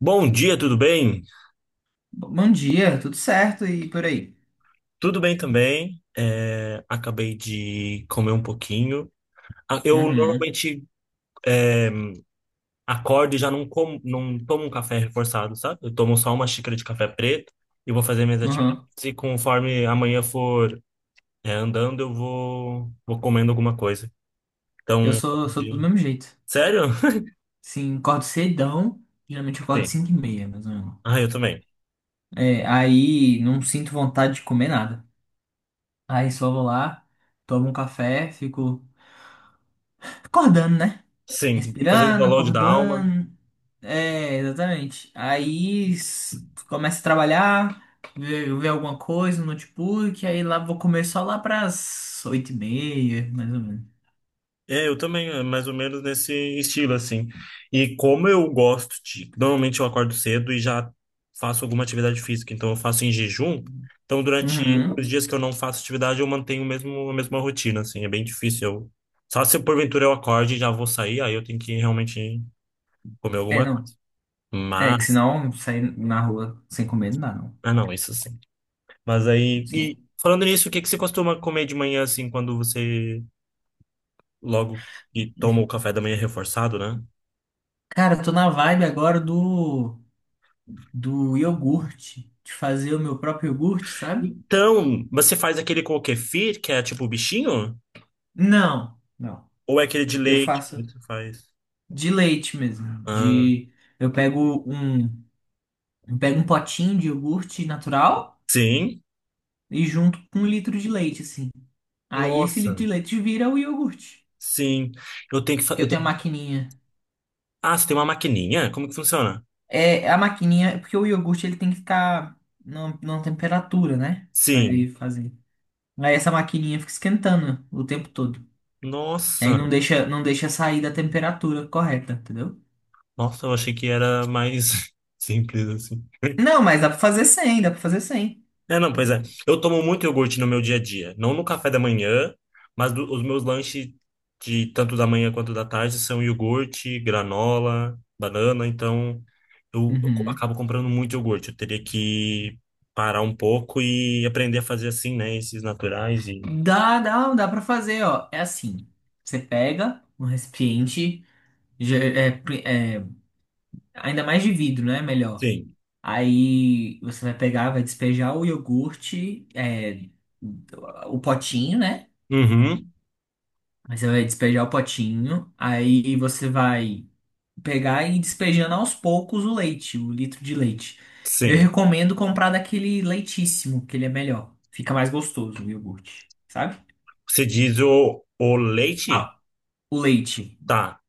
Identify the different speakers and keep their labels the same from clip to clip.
Speaker 1: Bom dia, tudo bem?
Speaker 2: Bom dia, tudo certo e por aí.
Speaker 1: Tudo bem também. É, acabei de comer um pouquinho. Ah, eu
Speaker 2: Uhum,
Speaker 1: normalmente acordo e já não como, não tomo um café reforçado, sabe? Eu tomo só uma xícara de café preto e vou fazer minhas atividades.
Speaker 2: uhum.
Speaker 1: E conforme amanhã for, andando, eu vou comendo alguma coisa.
Speaker 2: Eu
Speaker 1: Então,
Speaker 2: sou, sou do
Speaker 1: de-
Speaker 2: mesmo jeito.
Speaker 1: sério?
Speaker 2: Sim, acordo cedão. Geralmente eu acordo
Speaker 1: Sim.
Speaker 2: 5:30, mais ou menos.
Speaker 1: Ah, eu também.
Speaker 2: É, aí não sinto vontade de comer nada. Aí só vou lá, tomo um café, fico acordando, né?
Speaker 1: Sim, fazendo
Speaker 2: Respirando,
Speaker 1: download da alma.
Speaker 2: acordando. É, exatamente. Aí começo a trabalhar, ver alguma coisa no notebook, aí lá vou comer só lá pras 8:30, mais ou menos.
Speaker 1: É, eu também, é mais ou menos nesse estilo, assim. E como eu gosto de. Normalmente eu acordo cedo e já faço alguma atividade física, então eu faço em jejum. Então, durante
Speaker 2: Uhum.
Speaker 1: os dias que eu não faço atividade, eu mantenho o mesmo, a mesma rotina, assim. É bem difícil. Eu... Só se porventura eu acorde e já vou sair, aí eu tenho que realmente comer
Speaker 2: É,
Speaker 1: alguma coisa.
Speaker 2: não. É, que
Speaker 1: Mas.
Speaker 2: senão sair na rua sem comer não dá, não.
Speaker 1: Ah, não, isso sim. Mas aí. E
Speaker 2: Sim.
Speaker 1: falando nisso, o que que você costuma comer de manhã, assim, quando você logo que toma o café da manhã reforçado, né?
Speaker 2: Cara, eu tô na vibe agora do iogurte. De fazer o meu próprio iogurte, sabe?
Speaker 1: Então, você faz aquele com o kefir, que é tipo o bichinho?
Speaker 2: Não, não.
Speaker 1: Ou é aquele de
Speaker 2: Eu
Speaker 1: leite que
Speaker 2: faço
Speaker 1: você faz?
Speaker 2: de leite mesmo.
Speaker 1: Ah,
Speaker 2: De, eu pego um, eu pego um potinho de iogurte natural
Speaker 1: sim?
Speaker 2: e junto com um litro de leite, assim. Aí esse litro
Speaker 1: Nossa,
Speaker 2: de leite vira o iogurte.
Speaker 1: sim. Eu tenho que
Speaker 2: Que
Speaker 1: fazer.
Speaker 2: eu tenho a maquininha.
Speaker 1: Ah, você tem uma maquininha? Como que funciona?
Speaker 2: É, a maquininha, porque o iogurte ele tem que ficar numa temperatura, né? Pra
Speaker 1: Sim.
Speaker 2: ele fazer. Aí essa maquininha fica esquentando o tempo todo. Aí
Speaker 1: Nossa,
Speaker 2: não deixa sair da temperatura correta, entendeu?
Speaker 1: nossa, eu achei que era mais simples assim.
Speaker 2: Não, mas dá pra fazer 100, dá pra fazer 100.
Speaker 1: É, não, pois é. Eu tomo muito iogurte no meu dia a dia. Não no café da manhã, mas os meus lanches de tanto da manhã quanto da tarde são iogurte, granola, banana. Então, eu
Speaker 2: Uhum.
Speaker 1: acabo comprando muito iogurte. Eu teria que parar um pouco e aprender a fazer assim, né? Esses naturais e...
Speaker 2: Dá pra fazer, ó. É assim. Você pega um recipiente, ge- é, pri- é, ainda mais de vidro, né? Melhor.
Speaker 1: Sim.
Speaker 2: Aí você vai pegar, vai despejar o iogurte, o potinho, né?
Speaker 1: Uhum.
Speaker 2: Aí você vai despejar o potinho. Aí você vai pegar e ir despejando aos poucos o leite, o litro de leite. Eu
Speaker 1: Sim.
Speaker 2: recomendo comprar daquele leitíssimo, que ele é melhor. Fica mais gostoso o iogurte, sabe?
Speaker 1: Você diz o leite?
Speaker 2: Ah, o leite,
Speaker 1: Tá.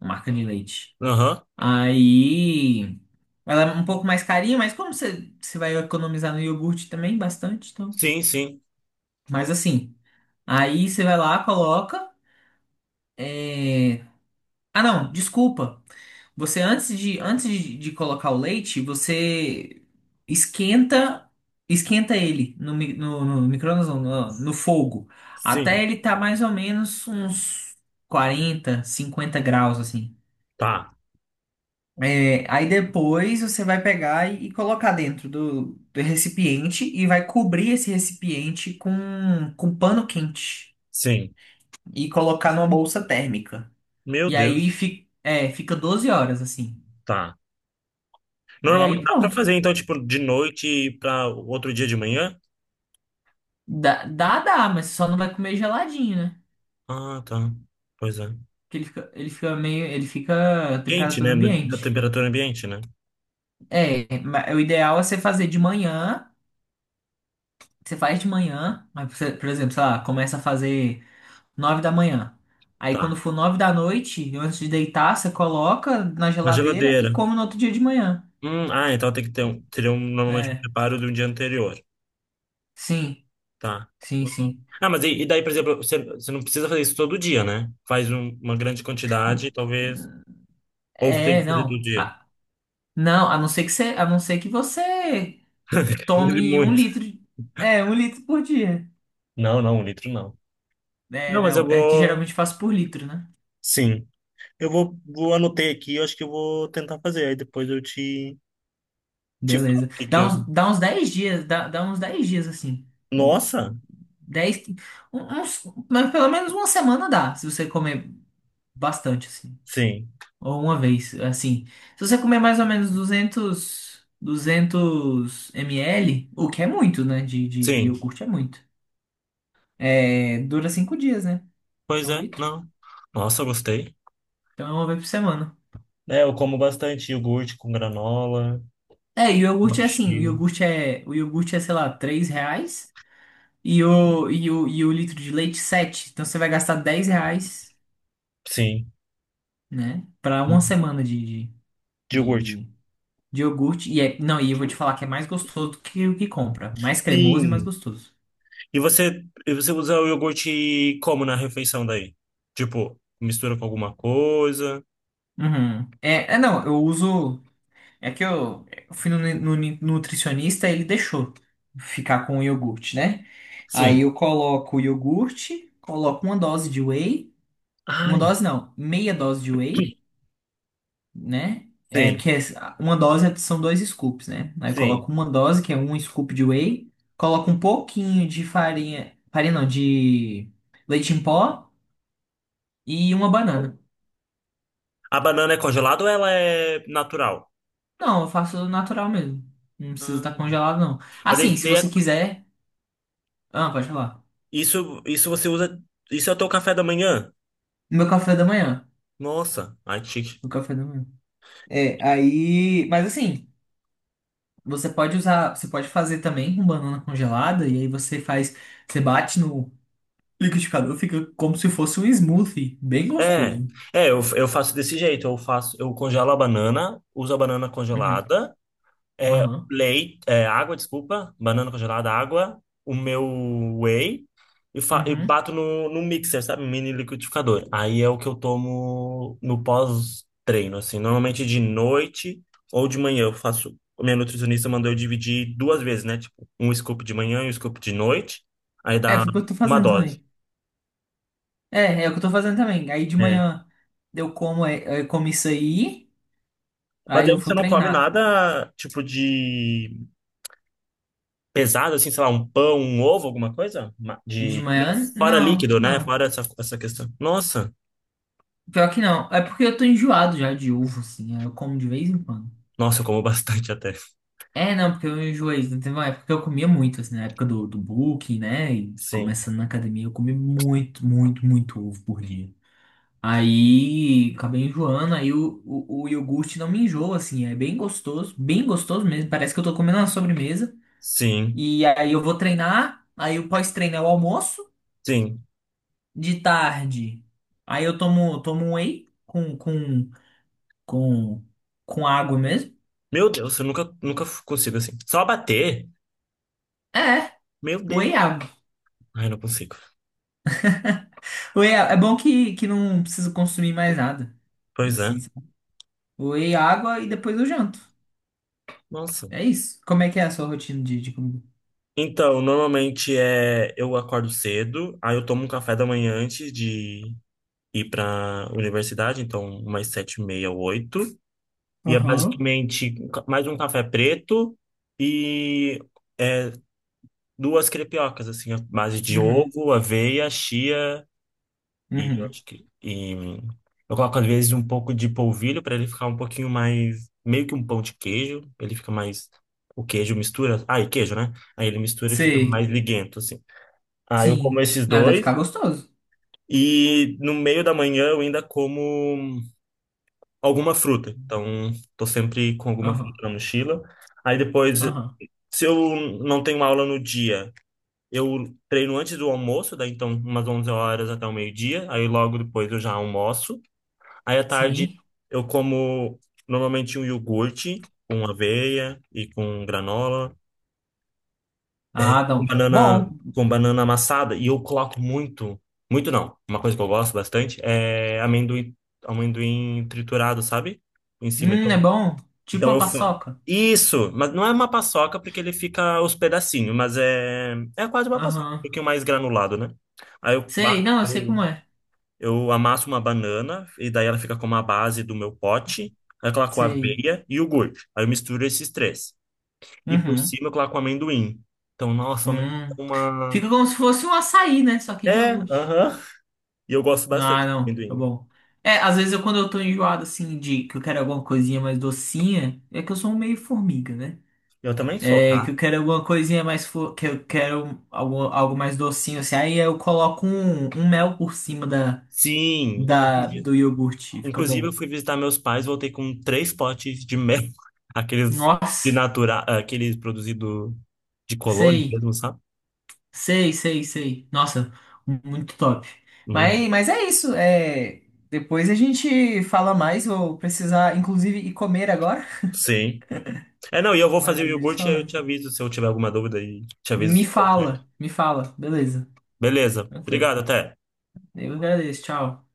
Speaker 2: a marca de leite.
Speaker 1: Aham.
Speaker 2: Aí, ela é um pouco mais carinha, mas você vai economizar no iogurte também bastante, então.
Speaker 1: Sim, sim.
Speaker 2: Mas assim, aí você vai lá, coloca. é, Ah, não, desculpa. Você antes de colocar o leite, você esquenta esquenta ele no micro-ondas, não, no fogo, até
Speaker 1: Sim.
Speaker 2: ele tá mais ou menos uns 40 a 50 graus assim.
Speaker 1: Tá.
Speaker 2: É, aí depois você vai pegar e colocar dentro do recipiente e vai cobrir esse recipiente com pano quente
Speaker 1: Sim.
Speaker 2: e colocar numa bolsa térmica.
Speaker 1: Meu
Speaker 2: E aí
Speaker 1: Deus.
Speaker 2: fi- é, fica 12 horas assim.
Speaker 1: Tá.
Speaker 2: E aí
Speaker 1: Normalmente dá pra
Speaker 2: pronto.
Speaker 1: fazer, então, tipo, de noite e pra outro dia de manhã?
Speaker 2: Dá, mas só não vai comer geladinho, né?
Speaker 1: Ah, tá. Pois é.
Speaker 2: Porque ele fica meio. Ele fica a
Speaker 1: Quente,
Speaker 2: temperatura
Speaker 1: né? Na
Speaker 2: ambiente.
Speaker 1: temperatura ambiente, né?
Speaker 2: O ideal é você fazer de manhã. Você faz de manhã, mas você, por exemplo, sei lá, começa a fazer 9 da manhã. Aí
Speaker 1: Tá.
Speaker 2: quando for 9 da noite, antes de deitar, você coloca na
Speaker 1: Na
Speaker 2: geladeira e
Speaker 1: geladeira.
Speaker 2: come no outro dia de manhã.
Speaker 1: Ah, então tem que ter um, teria um, normalmente um
Speaker 2: É,
Speaker 1: preparo de um dia anterior.
Speaker 2: sim,
Speaker 1: Tá. Uhum.
Speaker 2: sim.
Speaker 1: Ah, mas e daí, por exemplo, você não precisa fazer isso todo dia, né? Faz uma grande quantidade, talvez. Ou tem
Speaker 2: É,
Speaker 1: que fazer todo
Speaker 2: não.
Speaker 1: dia.
Speaker 2: Ah, não, a não ser que você
Speaker 1: Use
Speaker 2: tome um
Speaker 1: muito.
Speaker 2: litro, de- é, um litro por dia.
Speaker 1: Não, não, um litro não.
Speaker 2: É,
Speaker 1: Não, mas eu
Speaker 2: não, é que
Speaker 1: vou.
Speaker 2: geralmente faço por litro, né?
Speaker 1: Sim. Eu vou anotei aqui, eu acho que eu vou tentar fazer. Aí depois eu te. Te
Speaker 2: Beleza.
Speaker 1: falei que eu...
Speaker 2: Dá uns 10 dias, dá uns 10 dias assim.
Speaker 1: Nossa,
Speaker 2: Dez que- um- uns, mas pelo menos uma semana dá, se você comer bastante assim.
Speaker 1: sim,
Speaker 2: Ou uma vez, assim. Se você comer mais ou menos 200 ml, o que é muito, né? De
Speaker 1: sim.
Speaker 2: iogurte é muito. É, dura 5 dias, né?
Speaker 1: Pois
Speaker 2: É um
Speaker 1: é,
Speaker 2: litro.
Speaker 1: não. Nossa, eu gostei.
Speaker 2: Então é uma vez por semana.
Speaker 1: É, eu como bastante iogurte com granola,
Speaker 2: É, e o iogurte é assim,
Speaker 1: abacaxi.
Speaker 2: o iogurte é, sei lá, R$ 3. E o litro de leite, 7. Então você vai gastar R$ 10,
Speaker 1: Sim,
Speaker 2: né? Pra uma semana
Speaker 1: de
Speaker 2: de,
Speaker 1: iogurte.
Speaker 2: de, de iogurte. E é, não, e eu vou te falar que é mais gostoso do que o que compra. Mais cremoso e mais
Speaker 1: Sim.
Speaker 2: gostoso.
Speaker 1: E você usa o iogurte como na refeição daí? Tipo, mistura com alguma coisa?
Speaker 2: Uhum. Não, eu uso. É que eu, eu fui no nutricionista, ele deixou ficar com o iogurte, né? Aí
Speaker 1: Sim.
Speaker 2: eu coloco o iogurte, coloco uma dose de whey. Uma
Speaker 1: Ai,
Speaker 2: dose não, meia dose de whey. Né?
Speaker 1: sim,
Speaker 2: Uma dose são 2 scoops, né? Aí eu
Speaker 1: sim.
Speaker 2: coloco uma dose, que é um scoop de whey, coloco um pouquinho de farinha, farinha não, de leite em pó e uma banana.
Speaker 1: A banana é congelada ou ela é natural?
Speaker 2: Não, eu faço natural mesmo. Não precisa estar
Speaker 1: Ah.
Speaker 2: congelado, não.
Speaker 1: Mas
Speaker 2: Assim,
Speaker 1: isso,
Speaker 2: se
Speaker 1: daí
Speaker 2: você quiser. Ah, pode falar.
Speaker 1: isso você usa. Isso é o teu café da manhã?
Speaker 2: Meu café da manhã.
Speaker 1: Nossa, ai que chique.
Speaker 2: Meu café da manhã. É, aí. Mas assim, você pode usar. Você pode fazer também com banana congelada, e aí você faz. Você bate no liquidificador, fica como se fosse um smoothie, bem
Speaker 1: É,
Speaker 2: gostoso.
Speaker 1: é, eu faço desse jeito, eu faço, eu congelo a banana, uso a banana
Speaker 2: Uhum.
Speaker 1: congelada,
Speaker 2: Aham.
Speaker 1: leite, água, desculpa, banana congelada, água, o meu whey e
Speaker 2: Uhum.
Speaker 1: bato no mixer, sabe, um mini liquidificador. Aí é o que eu tomo no pós-treino, assim, normalmente de noite ou de manhã eu faço. A minha nutricionista mandou eu dividir duas vezes, né? Tipo, um scoop de manhã e um scoop de noite, aí
Speaker 2: É,
Speaker 1: dá
Speaker 2: foi o que eu tô
Speaker 1: uma
Speaker 2: fazendo
Speaker 1: dose.
Speaker 2: também. É o que eu tô fazendo também. Aí de
Speaker 1: É,
Speaker 2: manhã eu como, eu como isso aí,
Speaker 1: mas
Speaker 2: aí
Speaker 1: aí
Speaker 2: eu vou
Speaker 1: você não come
Speaker 2: treinar.
Speaker 1: nada tipo de pesado, assim, sei lá, um pão, um ovo, alguma coisa?
Speaker 2: De
Speaker 1: De...
Speaker 2: manhã,
Speaker 1: Fora
Speaker 2: não,
Speaker 1: líquido, né?
Speaker 2: não.
Speaker 1: Fora essa questão. Nossa,
Speaker 2: Pior que não. É porque eu tô enjoado já de uva, assim. Aí eu como de vez em quando.
Speaker 1: nossa, eu como bastante até.
Speaker 2: É, não, porque eu enjoei. Não teve uma época que eu comia muito, assim, na época do bulking, né? E
Speaker 1: Sim,
Speaker 2: começando na academia, eu comi muito ovo por dia. Aí acabei enjoando, aí o iogurte não me enjoa, assim, é bem gostoso mesmo. Parece que eu tô comendo uma sobremesa.
Speaker 1: sim,
Speaker 2: E aí eu vou treinar, aí o pós-treino é o almoço,
Speaker 1: sim.
Speaker 2: de tarde. Aí eu tomo um whey com, com água mesmo.
Speaker 1: Meu Deus, eu nunca, nunca consigo assim. Só bater?
Speaker 2: É,
Speaker 1: Meu
Speaker 2: whey
Speaker 1: Deus.
Speaker 2: e água.
Speaker 1: Ai, não consigo.
Speaker 2: Whey é é bom que não preciso consumir mais nada.
Speaker 1: Pois é.
Speaker 2: Assim, sabe? Whey, água e depois eu janto.
Speaker 1: Nossa.
Speaker 2: É isso. Como é que é a sua rotina de comida?
Speaker 1: Então, normalmente é eu acordo cedo, aí eu tomo um café da manhã antes de ir pra universidade, então umas 7h30, oito. E é
Speaker 2: Aham.
Speaker 1: basicamente um mais um café preto e é, duas crepiocas, assim, à base de
Speaker 2: Uhum,
Speaker 1: ovo, aveia, chia e eu
Speaker 2: uhum.
Speaker 1: acho que. E eu coloco às vezes um pouco de polvilho para ele ficar um pouquinho mais. Meio que um pão de queijo, ele fica mais. O queijo mistura. Ah, e queijo, né? Aí ele mistura e fica mais
Speaker 2: Sei.
Speaker 1: liguento, assim. Aí eu como
Speaker 2: Sim.
Speaker 1: esses
Speaker 2: Ah, deve
Speaker 1: dois
Speaker 2: ficar gostoso.
Speaker 1: e no meio da manhã eu ainda como alguma fruta. Então, tô sempre com alguma fruta
Speaker 2: Aham,
Speaker 1: na mochila. Aí depois,
Speaker 2: aham.
Speaker 1: se eu não tenho aula no dia, eu treino antes do almoço, daí então umas 11 horas até o meio-dia, aí logo depois eu já almoço. Aí à tarde
Speaker 2: Sim.
Speaker 1: eu como normalmente um iogurte com aveia e com granola,
Speaker 2: Ah, não. Bom.
Speaker 1: com banana amassada, e eu coloco muito, muito não, uma coisa que eu gosto bastante é amendoim, amendoim triturado, sabe? Em cima.
Speaker 2: É
Speaker 1: Então,
Speaker 2: bom. Tipo
Speaker 1: Então
Speaker 2: uma
Speaker 1: eu faço
Speaker 2: paçoca.
Speaker 1: isso, mas não é uma paçoca porque ele fica os pedacinhos, mas é quase uma paçoca, um
Speaker 2: Aham.
Speaker 1: pouquinho mais granulado, né? Aí
Speaker 2: Sei, não, eu sei
Speaker 1: eu,
Speaker 2: como é.
Speaker 1: eu amasso uma banana e daí ela fica como a base do meu pote, aí eu coloco
Speaker 2: Sei.
Speaker 1: aveia e iogurte. Aí eu misturo esses três. E por
Speaker 2: Uhum.
Speaker 1: cima eu coloco amendoim. Então, nossa, o amendoim
Speaker 2: Hum.
Speaker 1: é uma.
Speaker 2: Fica como se fosse um açaí, né? Só que de
Speaker 1: É,
Speaker 2: iogurte.
Speaker 1: aham. E eu gosto bastante
Speaker 2: Ah,
Speaker 1: de
Speaker 2: não, tá
Speaker 1: amendoim.
Speaker 2: bom. É, às vezes eu, quando eu tô enjoado, assim, de que eu quero alguma coisinha mais docinha, é que eu sou um meio formiga, né?
Speaker 1: Eu também sou,
Speaker 2: É, que
Speaker 1: tá?
Speaker 2: eu quero alguma coisinha mais, que eu quero algo mais docinho, assim, aí eu coloco um mel por cima
Speaker 1: Sim.
Speaker 2: da, do iogurte. Fica
Speaker 1: Inclusive, eu
Speaker 2: bom.
Speaker 1: fui visitar meus pais, voltei com três potes de mel, aqueles de
Speaker 2: Nossa,
Speaker 1: natural aqueles produzido de colônia
Speaker 2: sei,
Speaker 1: mesmo, sabe?
Speaker 2: sei. Nossa, muito top.
Speaker 1: Uhum.
Speaker 2: Mas é isso. É, depois a gente fala mais. Vou precisar, inclusive, ir comer agora.
Speaker 1: Sim. É, não, e eu vou
Speaker 2: Mas
Speaker 1: fazer o
Speaker 2: eu vou te
Speaker 1: iogurte e aí eu
Speaker 2: falando.
Speaker 1: te aviso se eu tiver alguma dúvida e te aviso se deu certo.
Speaker 2: Me fala. Beleza,
Speaker 1: Beleza.
Speaker 2: tranquilo.
Speaker 1: Obrigado, até.
Speaker 2: Eu agradeço, tchau.